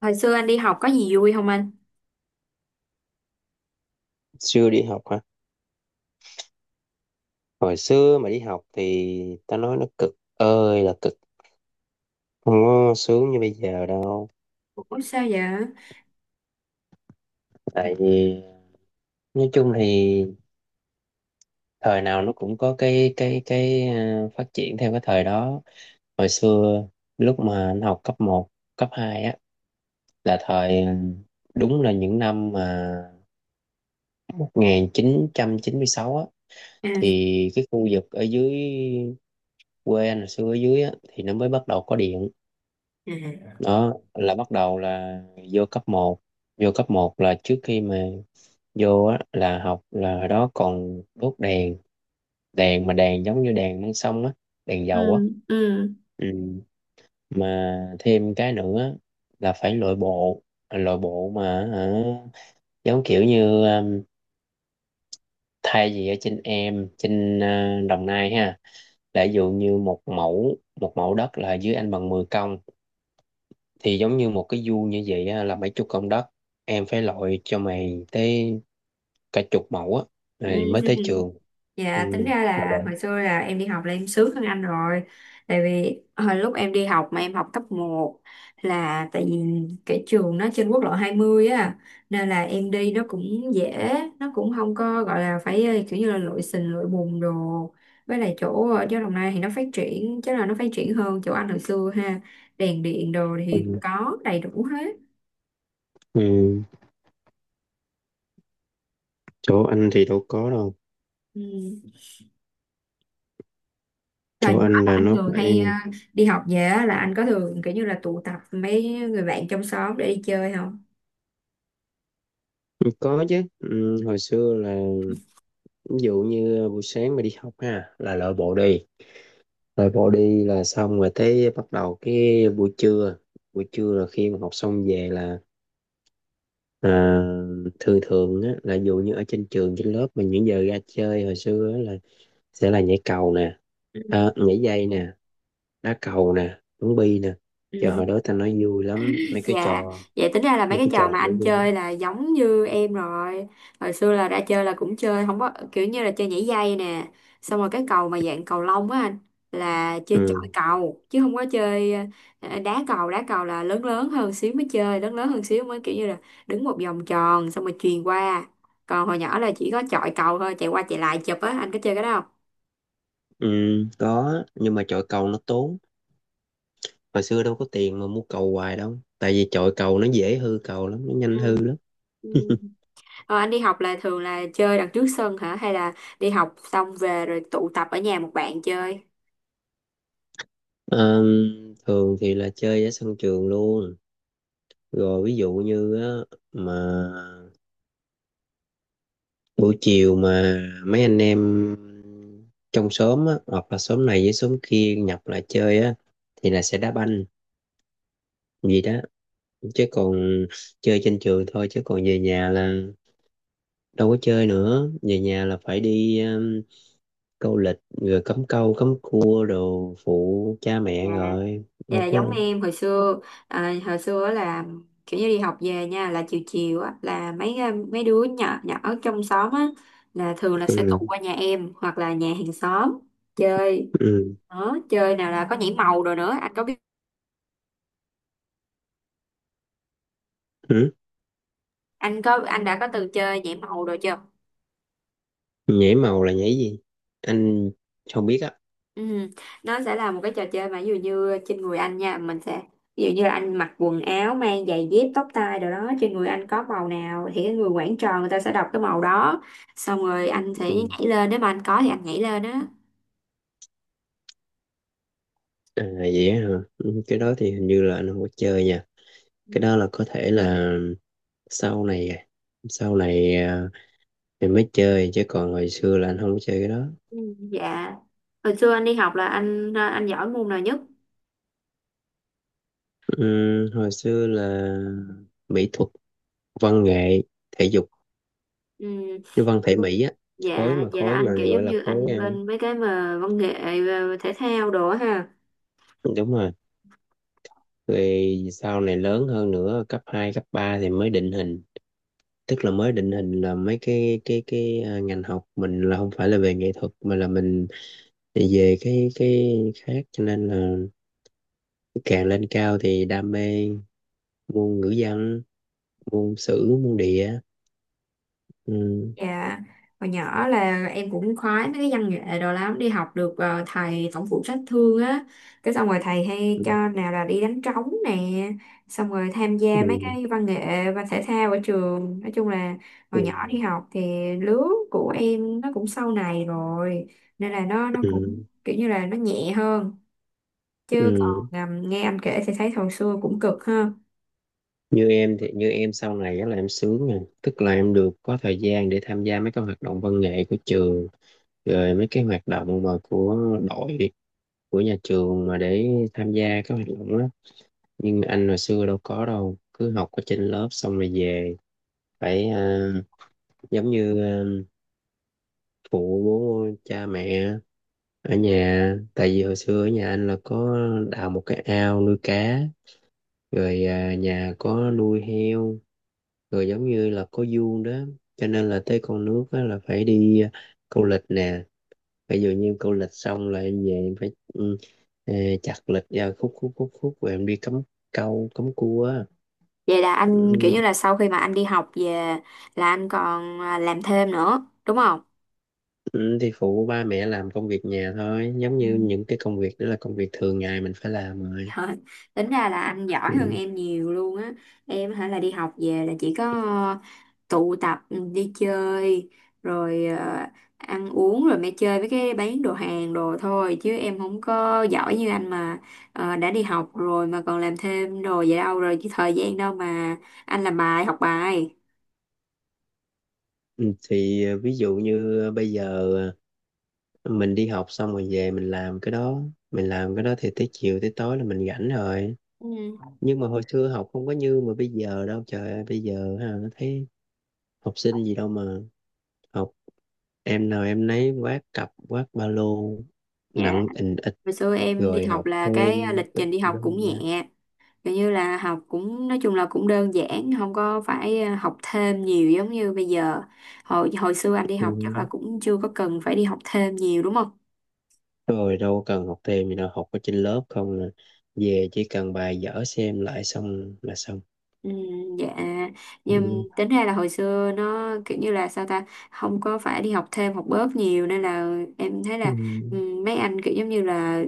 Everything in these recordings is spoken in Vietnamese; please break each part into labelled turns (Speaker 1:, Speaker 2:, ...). Speaker 1: Hồi xưa anh đi học có gì vui không anh?
Speaker 2: Xưa đi học hả? Hồi xưa mà đi học thì ta nói nó cực ơi là cực. Không có sướng như bây giờ đâu.
Speaker 1: Ủa sao vậy?
Speaker 2: Tại vì nói chung thì thời nào nó cũng có cái phát triển theo cái thời đó. Hồi xưa lúc mà anh học cấp một, cấp 2 á là thời đúng là những năm mà 1996 á,
Speaker 1: À,
Speaker 2: thì cái khu vực ở dưới quê anh hồi xưa ở dưới á thì nó mới bắt đầu có điện.
Speaker 1: à,
Speaker 2: Đó là bắt đầu là vô cấp một, vô cấp một là trước khi mà vô á, là học là hồi đó còn đốt đèn, đèn mà đèn giống như đèn măng sông á, đèn dầu á.
Speaker 1: ừ, ừ,
Speaker 2: Ừ. Mà thêm cái nữa là phải lội bộ. À, lội bộ mà hả, giống kiểu như thay vì ở trên em trên Đồng Nai ha là ví dụ như một mẫu đất là dưới anh bằng 10 công, thì giống như một cái vuông như vậy á, là mấy chục công đất, em phải lội cho mày tới cả chục mẫu á
Speaker 1: ừ.
Speaker 2: rồi mới tới trường. Ừ,
Speaker 1: Dạ, tính ra
Speaker 2: mà
Speaker 1: là
Speaker 2: lội.
Speaker 1: hồi xưa là em đi học là em sướng hơn anh rồi. Tại vì hồi lúc em đi học mà em học cấp một. Là tại vì cái trường nó trên quốc lộ 20 á. Nên là em đi nó cũng dễ. Nó cũng không có gọi là phải kiểu như là lội sình lội bùn đồ. Với lại chỗ ở chỗ Đồng Nai thì nó phát triển chứ là nó phát triển hơn chỗ anh hồi xưa ha. Đèn điện đồ thì có đầy đủ hết.
Speaker 2: Ừ, chỗ anh thì đâu có đâu.
Speaker 1: Ừ. Thời
Speaker 2: Chỗ
Speaker 1: nhỏ
Speaker 2: anh
Speaker 1: là
Speaker 2: là
Speaker 1: anh
Speaker 2: nó
Speaker 1: thường
Speaker 2: phải.
Speaker 1: hay đi học về á, là anh có thường kiểu như là tụ tập mấy người bạn trong xóm để đi chơi không?
Speaker 2: Ừ, có chứ. Ừ, hồi xưa là ví dụ như buổi sáng mà đi học ha là lội bộ đi. Lội bộ đi là xong rồi tới bắt đầu cái buổi trưa. Buổi trưa là khi mà học xong về là. Ờ, thường thường á, là dù như ở trên trường trên lớp mà những giờ ra chơi hồi xưa á, là sẽ là nhảy cầu nè,
Speaker 1: Ừ.
Speaker 2: nhảy dây nè, đá cầu nè, bắn bi nè, trời
Speaker 1: Ừ.
Speaker 2: hồi đó ta nói vui lắm mấy cái
Speaker 1: Dạ,
Speaker 2: trò
Speaker 1: vậy tính ra là mấy
Speaker 2: mấy
Speaker 1: cái
Speaker 2: cái trò
Speaker 1: trò mà
Speaker 2: đó
Speaker 1: anh
Speaker 2: vui lắm.
Speaker 1: chơi là giống như em rồi. Hồi xưa là đã chơi là cũng chơi, không có kiểu như là chơi nhảy dây nè. Xong rồi cái cầu mà dạng cầu lông á anh là
Speaker 2: Ừ,
Speaker 1: chơi chọi cầu chứ không có chơi đá cầu là lớn lớn hơn xíu mới chơi, lớn lớn hơn xíu mới kiểu như là đứng một vòng tròn xong rồi chuyền qua. Còn hồi nhỏ là chỉ có chọi cầu thôi, chạy qua chạy lại chụp á, anh có chơi cái đó không?
Speaker 2: ừ, có nhưng mà chọi cầu nó tốn, hồi xưa đâu có tiền mà mua cầu hoài đâu, tại vì chọi cầu nó dễ hư cầu lắm, nó
Speaker 1: Ừ.
Speaker 2: nhanh hư lắm.
Speaker 1: Ừ. Ờ, anh đi học là thường là chơi đằng trước sân hả? Hay là đi học xong về rồi tụ tập ở nhà một bạn chơi?
Speaker 2: Ờ, thường thì là chơi ở sân trường luôn, rồi ví dụ như á, mà buổi chiều mà mấy anh em trong xóm á, hoặc là xóm này với xóm kia nhập lại chơi á thì là sẽ đá banh gì đó, chứ còn chơi trên trường thôi, chứ còn về nhà là đâu có chơi nữa, về nhà là phải đi câu lịch rồi cắm câu cắm cua đồ phụ cha
Speaker 1: Dạ,
Speaker 2: mẹ rồi
Speaker 1: dạ
Speaker 2: đâu có.
Speaker 1: giống em hồi xưa. À, hồi xưa là kiểu như đi học về nha là chiều chiều á là mấy mấy đứa nhỏ nhỏ ở trong xóm á là thường là sẽ tụ
Speaker 2: Ừ,
Speaker 1: qua nhà em hoặc là nhà hàng xóm chơi.
Speaker 2: ừ,
Speaker 1: Đó chơi nào là có nhảy màu rồi nữa, anh có,
Speaker 2: ừ,
Speaker 1: anh có, anh đã có từng chơi nhảy màu rồi chưa?
Speaker 2: nhảy màu là nhảy gì, anh không biết á.
Speaker 1: Ừ. Nó sẽ là một cái trò chơi mà ví dụ như trên người anh nha mình sẽ, ví dụ như là anh mặc quần áo mang giày dép tóc tai đồ đó trên người anh có màu nào thì cái người quản trò người ta sẽ đọc cái màu đó, xong rồi anh sẽ
Speaker 2: Ừ.
Speaker 1: nhảy lên nếu mà anh có thì anh nhảy lên á.
Speaker 2: À vậy á hả. Ừ, cái đó thì hình như là anh không có chơi nha, cái đó là có thể là sau này sau này mình mới chơi, chứ còn hồi xưa là anh không có chơi cái đó.
Speaker 1: Ừ. Dạ, hồi xưa anh đi học là anh giỏi môn nào nhất?
Speaker 2: Hồi xưa là mỹ thuật, văn nghệ, thể dục,
Speaker 1: Ừ.
Speaker 2: cái văn thể mỹ á,
Speaker 1: Dạ
Speaker 2: khối mà
Speaker 1: vậy là
Speaker 2: khối mà
Speaker 1: anh kiểu
Speaker 2: gọi
Speaker 1: giống
Speaker 2: là
Speaker 1: như
Speaker 2: khối
Speaker 1: anh bên mấy cái mà văn nghệ, thể thao đồ á ha.
Speaker 2: đúng rồi. Rồi sau này lớn hơn nữa cấp 2 cấp 3 thì mới định hình, tức là mới định hình là mấy cái ngành học mình là không phải là về nghệ thuật, mà là mình về cái khác, cho nên là càng lên cao thì đam mê môn ngữ văn, môn sử, môn địa. Ừ.
Speaker 1: Dạ, hồi nhỏ là em cũng khoái mấy cái văn nghệ đồ lắm, đi học được thầy tổng phụ trách thương á, cái xong rồi thầy hay
Speaker 2: Ừ.
Speaker 1: cho nào là đi đánh trống nè, xong rồi tham gia mấy
Speaker 2: Ừ.
Speaker 1: cái văn nghệ và thể thao ở trường, nói chung là
Speaker 2: Ừ.
Speaker 1: hồi nhỏ đi học thì lứa của em nó cũng sau này rồi, nên là nó cũng
Speaker 2: Ừ.
Speaker 1: kiểu như là nó nhẹ hơn, chứ còn
Speaker 2: Ừ.
Speaker 1: nghe anh kể thì thấy hồi xưa cũng cực ha.
Speaker 2: Như em sau này á là em sướng nè, tức là em được có thời gian để tham gia mấy cái hoạt động văn nghệ của trường, rồi mấy cái hoạt động mà của đội, của nhà trường mà để tham gia các hoạt động đó. Nhưng mà anh hồi xưa đâu có đâu, cứ học ở trên lớp xong rồi về, phải giống như phụ cha mẹ ở nhà, tại vì hồi xưa ở nhà anh là có đào một cái ao nuôi cá, rồi nhà có nuôi heo, rồi giống như là có vuông đó, cho nên là tới con nước á, là phải đi câu lịch nè, ví dụ như câu lịch xong là em về em phải ờ, chặt lịch ra khúc khúc khúc khúc rồi em đi cắm câu cắm cua á.
Speaker 1: Vậy là anh kiểu
Speaker 2: Ừ,
Speaker 1: như là sau khi mà anh đi học về là anh còn làm thêm nữa, đúng không?
Speaker 2: ừ, thì phụ ba mẹ làm công việc nhà thôi, giống
Speaker 1: Ừ.
Speaker 2: như những cái công việc đó là công việc thường ngày mình phải làm rồi.
Speaker 1: Trời, tính ra là anh giỏi hơn
Speaker 2: Ừ.
Speaker 1: em nhiều luôn á. Em hả là đi học về là chỉ có tụ tập, ừ, đi chơi rồi, ăn uống rồi mẹ chơi với cái bán đồ hàng đồ thôi chứ em không có giỏi như anh mà. Ờ, đã đi học rồi mà còn làm thêm đồ vậy đâu rồi chứ thời gian đâu mà anh làm bài học bài.
Speaker 2: Ừ, thì ví dụ như bây giờ mình đi học xong rồi về mình làm cái đó, mình làm cái đó thì tới chiều tới tối là mình rảnh rồi.
Speaker 1: Ừ.
Speaker 2: Nhưng mà hồi xưa học không có như mà bây giờ đâu, trời ơi bây giờ ha thấy học sinh gì đâu mà học, em nào em nấy vác cặp vác ba lô
Speaker 1: Dạ,
Speaker 2: nặng ình ịch,
Speaker 1: hồi xưa em đi
Speaker 2: rồi
Speaker 1: học
Speaker 2: học
Speaker 1: là cái
Speaker 2: thêm
Speaker 1: lịch
Speaker 2: tự
Speaker 1: trình đi học cũng
Speaker 2: dưng á.
Speaker 1: nhẹ. Kiểu như là học cũng nói chung là cũng đơn giản không có phải học thêm nhiều giống như bây giờ. Hồi hồi xưa anh đi
Speaker 2: Ừ.
Speaker 1: học chắc là cũng chưa có cần phải đi học thêm nhiều đúng không?
Speaker 2: Rồi đâu cần học thêm gì đâu, học ở trên lớp không là về chỉ cần bài vở xem lại xong là xong.
Speaker 1: Ừ, dạ.
Speaker 2: Ừ.
Speaker 1: Nhưng tính ra là hồi xưa nó kiểu như là sao ta, không có phải đi học thêm học bớt nhiều nên là em thấy
Speaker 2: Ừ.
Speaker 1: là, ừ, mấy anh kiểu giống như là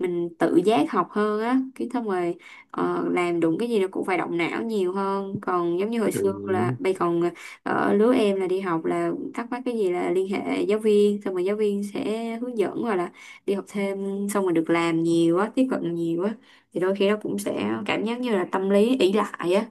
Speaker 1: mình tự giác học hơn á, cái xong rồi làm đúng cái gì nó cũng phải động não nhiều hơn còn giống như hồi xưa là
Speaker 2: Ừ.
Speaker 1: bây còn ở lứa em là đi học là thắc mắc cái gì là liên hệ giáo viên xong rồi giáo viên sẽ hướng dẫn hoặc là đi học thêm xong rồi được làm nhiều á tiếp cận nhiều á thì đôi khi nó cũng sẽ cảm giác như là tâm lý ỷ lại á.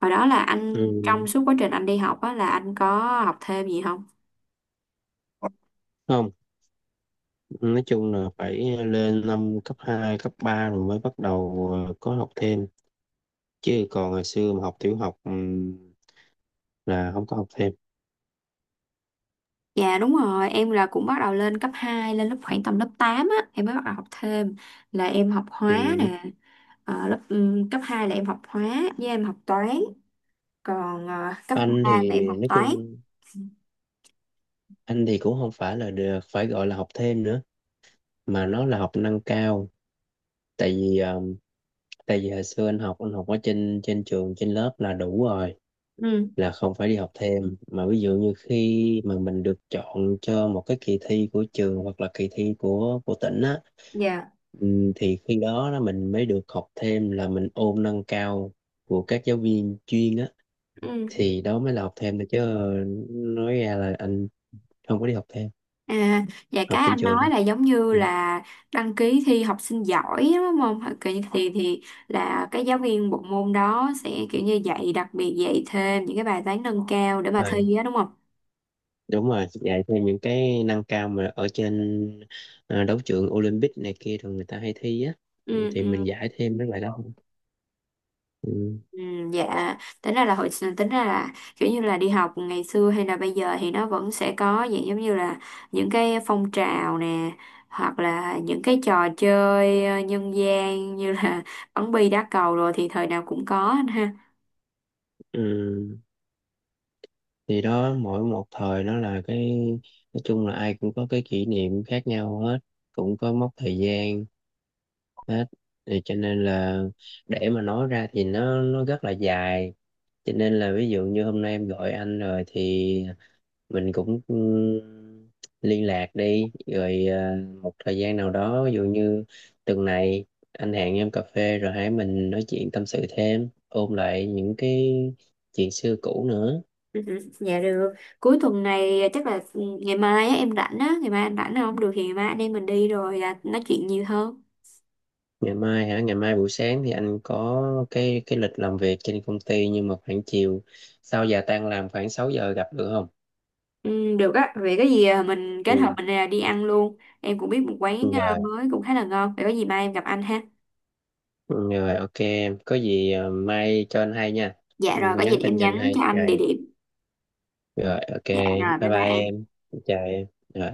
Speaker 1: Hồi đó là
Speaker 2: Ừ.
Speaker 1: anh trong suốt quá trình anh đi học á là anh có học thêm gì không?
Speaker 2: Không. Nói chung là phải lên năm cấp 2 cấp 3 rồi mới bắt đầu có học thêm. Chứ còn ngày xưa mà học tiểu học là không có học thêm.
Speaker 1: Dạ đúng rồi, em là cũng bắt đầu lên cấp 2 lên lớp khoảng tầm lớp 8 á, em mới bắt đầu học thêm là em học hóa
Speaker 2: Ừ.
Speaker 1: nè. Ờ, lớp cấp 2 là em học hóa với em học toán, còn cấp
Speaker 2: Anh
Speaker 1: 3
Speaker 2: thì
Speaker 1: là em học
Speaker 2: nói
Speaker 1: toán.
Speaker 2: chung, anh thì cũng không phải là được phải gọi là học thêm nữa, mà nó là học nâng cao. Tại vì ờ, tại vì hồi xưa anh học ở trên trên trường trên lớp là đủ rồi,
Speaker 1: Ừ,
Speaker 2: là không phải đi học thêm, mà ví dụ như khi mà mình được chọn cho một cái kỳ thi của trường hoặc là kỳ thi của tỉnh á.
Speaker 1: dạ.
Speaker 2: Thì khi đó là mình mới được học thêm, là mình ôn nâng cao của các giáo viên chuyên á,
Speaker 1: Ừ.
Speaker 2: thì đó mới là học thêm được, chứ nói ra là anh không có đi học thêm,
Speaker 1: À, dạ
Speaker 2: học
Speaker 1: cái
Speaker 2: trên
Speaker 1: anh
Speaker 2: trường thôi.
Speaker 1: nói là giống như
Speaker 2: Ừ.
Speaker 1: là đăng ký thi học sinh giỏi đúng không? Kiểu như thì là cái giáo viên bộ môn đó sẽ kiểu như dạy đặc biệt dạy thêm những cái bài toán nâng cao để mà
Speaker 2: Rồi,
Speaker 1: thi á đúng không?
Speaker 2: đúng rồi, dạy thêm những cái nâng cao mà ở trên đấu trường Olympic này kia thường người ta hay thi á. Ừ,
Speaker 1: Ừ,
Speaker 2: thì
Speaker 1: ừ.
Speaker 2: mình giải thêm mấy bài đó. Ừ.
Speaker 1: Ừ, dạ tính ra là hồi, tính ra là kiểu như là đi học ngày xưa hay là bây giờ thì nó vẫn sẽ có dạng giống như là những cái phong trào nè hoặc là những cái trò chơi nhân gian như là bắn bi đá cầu rồi thì thời nào cũng có anh ha.
Speaker 2: Ừ. Thì đó mỗi một thời nó là cái, nói chung là ai cũng có cái kỷ niệm khác nhau hết, cũng có mốc thời gian hết, thì cho nên là để mà nói ra thì nó rất là dài, cho nên là ví dụ như hôm nay em gọi anh rồi, thì mình cũng liên lạc đi rồi một thời gian nào đó, ví dụ như tuần này anh hẹn em cà phê rồi hãy mình nói chuyện tâm sự thêm, ôn lại những cái chuyện xưa cũ nữa.
Speaker 1: Ừ, ừ, dạ được. Cuối tuần này chắc là, ừ, ngày mai á, em rảnh á, ngày mai anh rảnh không, được thì ngày mai anh em mình đi rồi nói chuyện nhiều hơn.
Speaker 2: Ngày mai hả, ngày mai buổi sáng thì anh có cái lịch làm việc trên công ty, nhưng mà khoảng chiều, sau giờ tan làm khoảng 6 giờ gặp được không?
Speaker 1: Ừ, được á, vậy có gì mình kết hợp
Speaker 2: Ừ.
Speaker 1: mình đi ăn luôn, em cũng biết một quán
Speaker 2: Ừ, rồi.
Speaker 1: mới cũng khá là ngon, vậy có gì mai em gặp anh ha.
Speaker 2: Ừ, rồi ok, em có gì mai cho anh hay nha. Ừ,
Speaker 1: Dạ rồi, có gì
Speaker 2: nhắn tin
Speaker 1: em
Speaker 2: cho anh
Speaker 1: nhắn
Speaker 2: hay
Speaker 1: cho anh địa
Speaker 2: rồi,
Speaker 1: điểm.
Speaker 2: rồi ok,
Speaker 1: Dạ rồi,
Speaker 2: bye
Speaker 1: bye bye
Speaker 2: bye, em
Speaker 1: anh.
Speaker 2: chào em, rồi